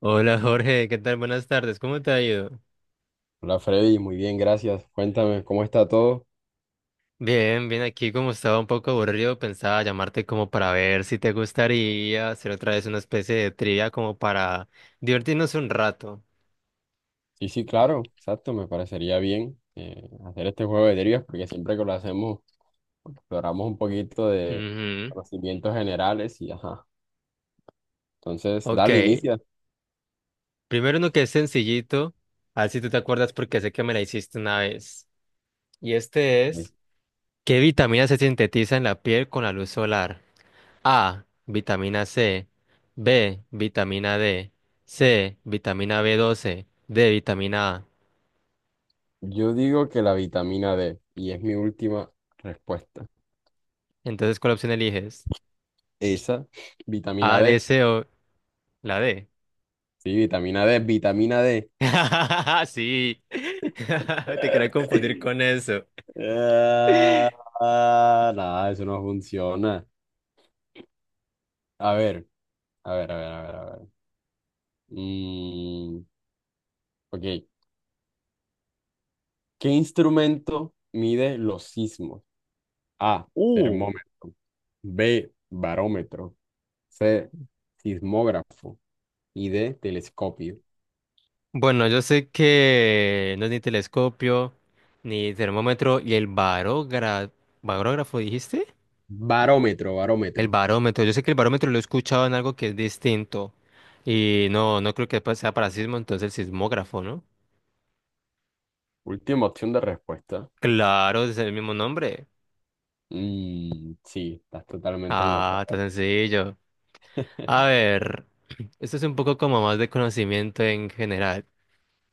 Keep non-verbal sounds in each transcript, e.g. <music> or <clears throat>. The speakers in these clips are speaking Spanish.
Hola Jorge, ¿qué tal? Buenas tardes, ¿cómo te ha ido? Hola Freddy, muy bien, gracias. Cuéntame, ¿cómo está todo? Bien, bien, aquí como estaba un poco aburrido, pensaba llamarte como para ver si te gustaría hacer otra vez una especie de trivia como para divertirnos un rato. Sí, sí, claro, exacto, me parecería bien, hacer este juego de trivias porque siempre que lo hacemos exploramos un poquito de Ujú. conocimientos generales y ajá. Entonces, Ok, dale, inicia. primero uno que es sencillito, a ver si tú te acuerdas porque sé que me la hiciste una vez. Y este es, ¿qué vitamina se sintetiza en la piel con la luz solar? A, vitamina C, B, vitamina D, C, vitamina b doce. D, vitamina A. Yo digo que la vitamina D, y es mi última respuesta. Entonces, ¿cuál opción eliges? Esa, vitamina A, D, D. C o la D. Sí, vitamina D. <laughs> Sí. <laughs> Te quería confundir <laughs> con eso. Ah, ah, nada, eso no funciona. A ver, a ver, a ver, a ver, a ver. Mm, ok. ¿Qué instrumento mide los sismos? A, Uh. termómetro. B, barómetro. C, sismógrafo. Y D, telescopio. Bueno, yo sé que no es ni telescopio, ni termómetro, y el barógrafo, ¿barógrafo dijiste? Barómetro, El barómetro. barómetro. Yo sé que el barómetro lo he escuchado en algo que es distinto. Y no, no creo que sea para sismo, entonces el sismógrafo, ¿no? Última opción de respuesta. Claro, es el mismo nombre. Mm, sí, estás totalmente en lo Ah, tan correcto. sencillo. A <laughs> ver, esto es un poco como más de conocimiento en general.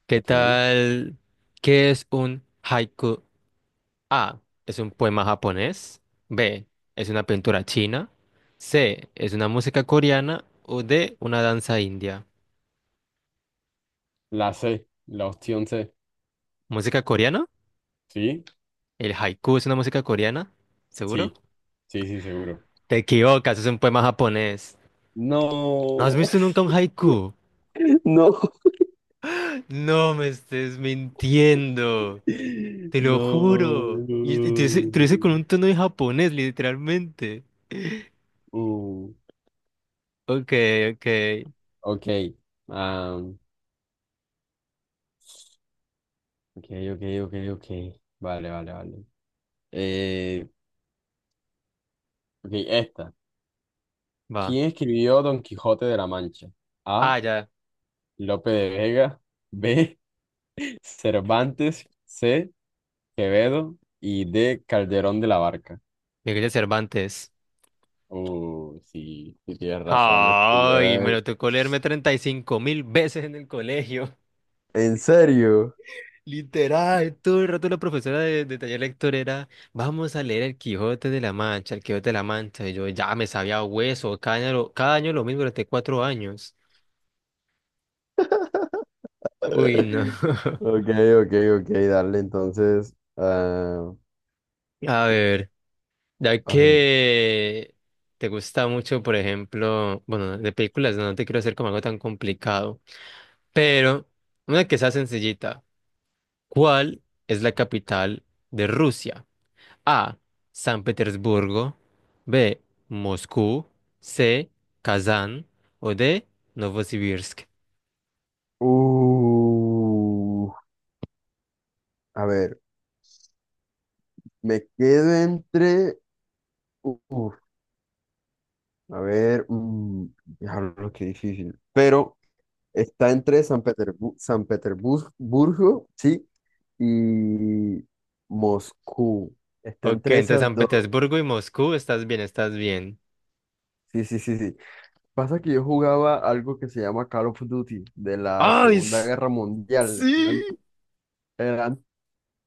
¿Qué Ok. tal? ¿Qué es un haiku? A. Es un poema japonés. B. Es una pintura china. C. Es una música coreana. O D. Una danza india. La C, la opción C. ¿Música coreana? ¿Sí? ¿El haiku es una música coreana? ¿Seguro? Sí. Sí, sí, seguro. Te equivocas, es un poema japonés. ¿No has No. <laughs> visto nunca un haiku? <laughs> No me estés mintiendo. Te lo No. juro. Y te, dice te lo hice con No. un tono de japonés, literalmente. <laughs> Mm, Ok, ok. ok. Ah, ok, ok, ok, ok. Vale, vale, vale. Eh, ok, esta. Va. ¿Quién escribió Don Quijote de la Mancha? A. Ah, ya. Lope de Vega. B. <laughs> Cervantes. C. Quevedo. Y D. Calderón de la Barca. Miguel de Cervantes. Sí, sí tienes razón, no Ay, escribió me él. lo tocó leerme 35 mil veces en el colegio. ¿En serio? <laughs> Literal, todo el rato la profesora de taller lector era, vamos a leer el Quijote de la Mancha, el Quijote de la Mancha. Y yo ya me sabía hueso, cada año, cada año lo mismo durante cuatro años. Uy, no. <laughs> <laughs> Ok, ok, ok, dale entonces. Ah, A ver. Ya a ver. que te gusta mucho, por ejemplo, bueno, de películas, no te quiero hacer como algo tan complicado, pero una que sea sencillita. ¿Cuál es la capital de Rusia? A. San Petersburgo. B. Moscú. C. Kazán. O D. Novosibirsk. Uh, A ver, me quedo entre. Uf, a ver, mm, diablo, qué difícil. Pero está entre San Petersburgo, sí, y Moscú. Está Ok, entre entre esas San dos. Petersburgo y Moscú, estás bien, estás bien. Sí, sí, sí, sí. Pasa que yo jugaba algo que se llama Call of Duty de la ¡Ay! Segunda Guerra Mundial. Sí. eran-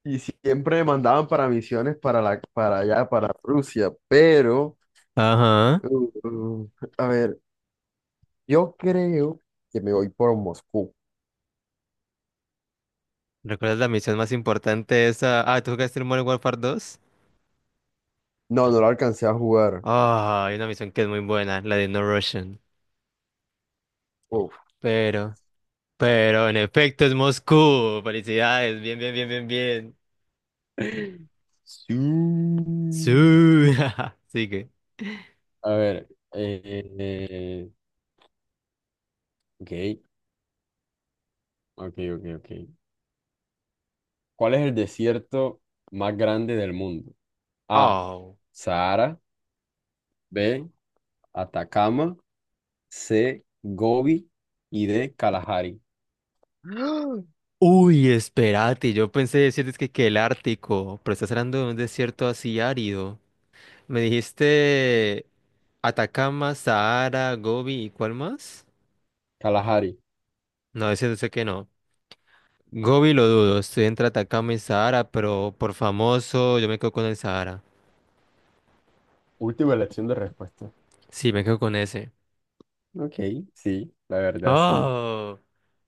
y siempre me mandaban para misiones para la, para allá, para Rusia. Pero, Ajá. uh, a ver. Yo creo que me voy por Moscú. ¿Recuerdas la misión más importante esa? Ah, ¿tú jugaste el Modern Warfare 2? No, no lo alcancé a jugar. Ah, hay una misión que es muy buena, la de No Russian. Uf. Pero, pero en efecto es Moscú. Felicidades, bien, bien, bien, bien, bien. <laughs> Sí. Sí, <laughs> sigue. A ver, ok, ok, ok, ok. ¿Cuál es el desierto más grande del mundo? A, Oh. Sahara. B, Atacama. C, Gobi. Y D, Kalahari. <gasps> Uy, espérate, yo pensé decirte que el Ártico, pero estás hablando de un desierto así árido. Me dijiste Atacama, Sahara, Gobi, ¿y cuál más? Kalahari, No, ese no sé qué no. Gobi lo dudo, estoy entre Atacama y Sahara, pero por famoso yo me quedo con el Sahara. última elección de respuesta. Sí, me quedo con ese. Ok, sí, la verdad, sí. Oh,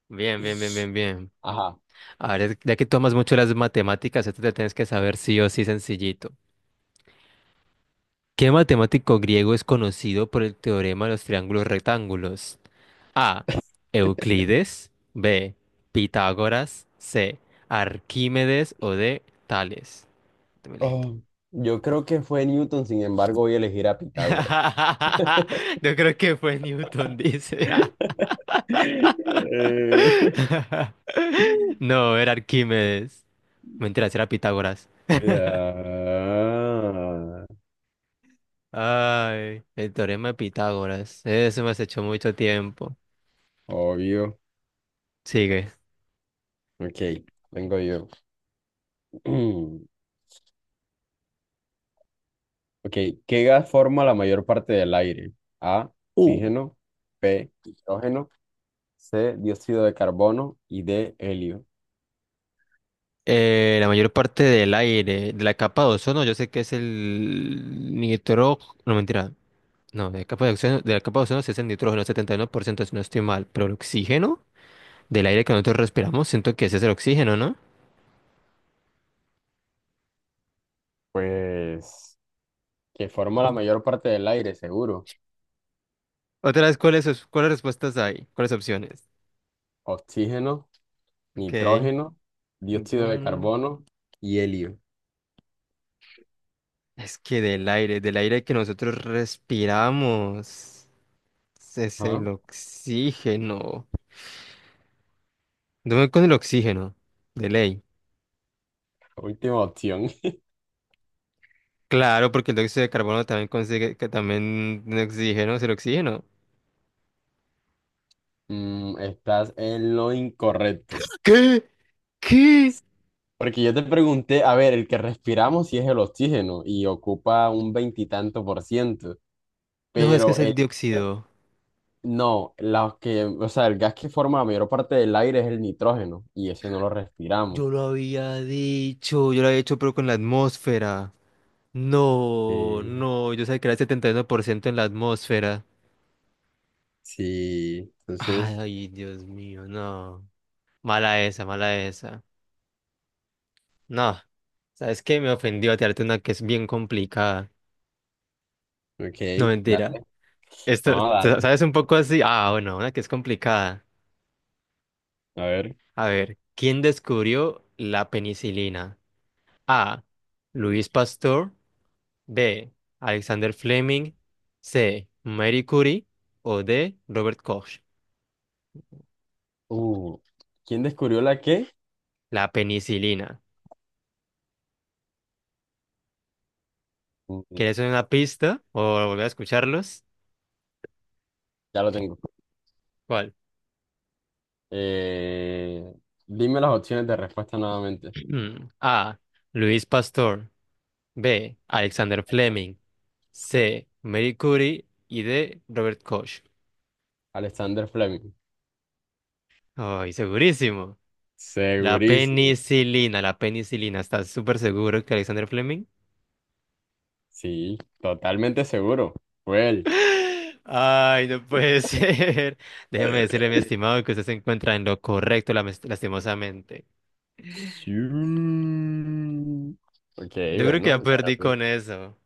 bien, bien, bien, bien, bien. Ajá. A ver, ya que tomas mucho las matemáticas, esto te tienes que saber sí o sí sencillito. ¿Qué matemático griego es conocido por el teorema de los triángulos rectángulos? A. Euclides. B. Pitágoras. C. Arquímedes o D. Tales. Dame lento. Oh, yo creo que fue Newton, sin embargo, voy a elegir a Pitágoras. <laughs> Yo creo que fue Newton, dice. <laughs> Eh, <laughs> <laughs> No, era Arquímedes. Mentira, era Pitágoras. ah, Ay, el teorema de Pitágoras. Eso me has hecho mucho tiempo. obvio. Sigue. Ok, tengo yo. <clears throat> Ok, ¿qué gas forma la mayor parte del aire? A, Uh, oxígeno. B, hidrógeno. C, dióxido de carbono. Y D, helio. La mayor parte del aire, de la capa de ozono, yo sé que es el nitrógeno. No, mentira. No, de la capa de ozono, de la capa de ozono sí es el nitrógeno, 71%, si no estoy mal. Pero el oxígeno del aire que nosotros respiramos, siento que ese es el oxígeno, ¿no? Pues, que forma la mayor parte del aire, seguro. Otra vez, ¿cuáles respuestas hay? ¿Cuáles opciones? Oxígeno, Ok. nitrógeno, dióxido de Nitrógeno. carbono y helio. Es que del aire que nosotros respiramos, es Ajá, el oxígeno. Dame con el oxígeno, de ley. última opción. Claro, porque el dióxido de carbono también consigue que también tiene oxígeno, es el oxígeno. Mm, estás en lo incorrecto. ¿Qué? ¿Qué? Porque yo te pregunté, a ver, el que respiramos sí es el oxígeno y ocupa un veintitanto por ciento, No, es que es pero el el... dióxido. No, los que, o sea, el gas que forma la mayor parte del aire es el nitrógeno y ese no lo respiramos. Yo lo había dicho, yo lo había dicho, pero con la atmósfera. No, Sí, no, yo sabía que era el 71% en la atmósfera. sí, entonces, Ay, Dios mío, no. Mala esa, mala esa. No, ¿sabes qué? Me ofendió tirarte una que es bien complicada. No, ok, dale. mentira. Esto, No, dale. ¿sabes un poco así? Ah, bueno, una que es complicada. A ver. A ver, ¿quién descubrió la penicilina? A. Luis Pasteur. B. Alexander Fleming. C. Marie Curie. O D. Robert Koch. Uh, ¿Quién descubrió la qué? La penicilina. Mm, ¿Quieres una pista o volver a escucharlos? ya lo tengo. ¿Cuál? Eh, dime las opciones de respuesta nuevamente. <clears throat> A. Luis Pasteur. B. Alexander Fleming. C. Marie Curie. Y D. Robert Koch. Alexander Fleming. Ay, segurísimo. La Segurísimo. penicilina, la penicilina. ¿Estás súper seguro que Alexander Fleming? <gasps> Sí, totalmente seguro. Fue él. <laughs> Ay, no puede <laughs> ser. Déjeme decirle, mi estimado, que usted se encuentra en lo correcto, lastimosamente. Sí. Ok, Yo creo que ya bueno. perdí con eso.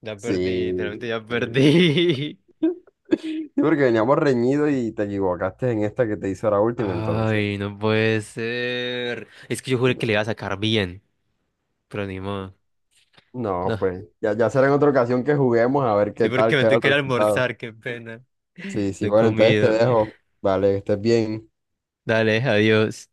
Ya perdí, literalmente Sí. ya perdí. <laughs> Sí, porque veníamos reñidos y te equivocaste en esta que te hizo la <laughs> última, entonces. Ay, no puede ser. Es que yo juré que le Ya. iba a sacar bien, pero ni modo. No, No, pues ya, ya será en otra ocasión que juguemos a ver sí, qué porque tal me queda tengo el que ir a resultado. almorzar, qué pena. Sí, sí, No he bueno, entonces te comido. dejo. Vale, que estés bien. Dale, adiós.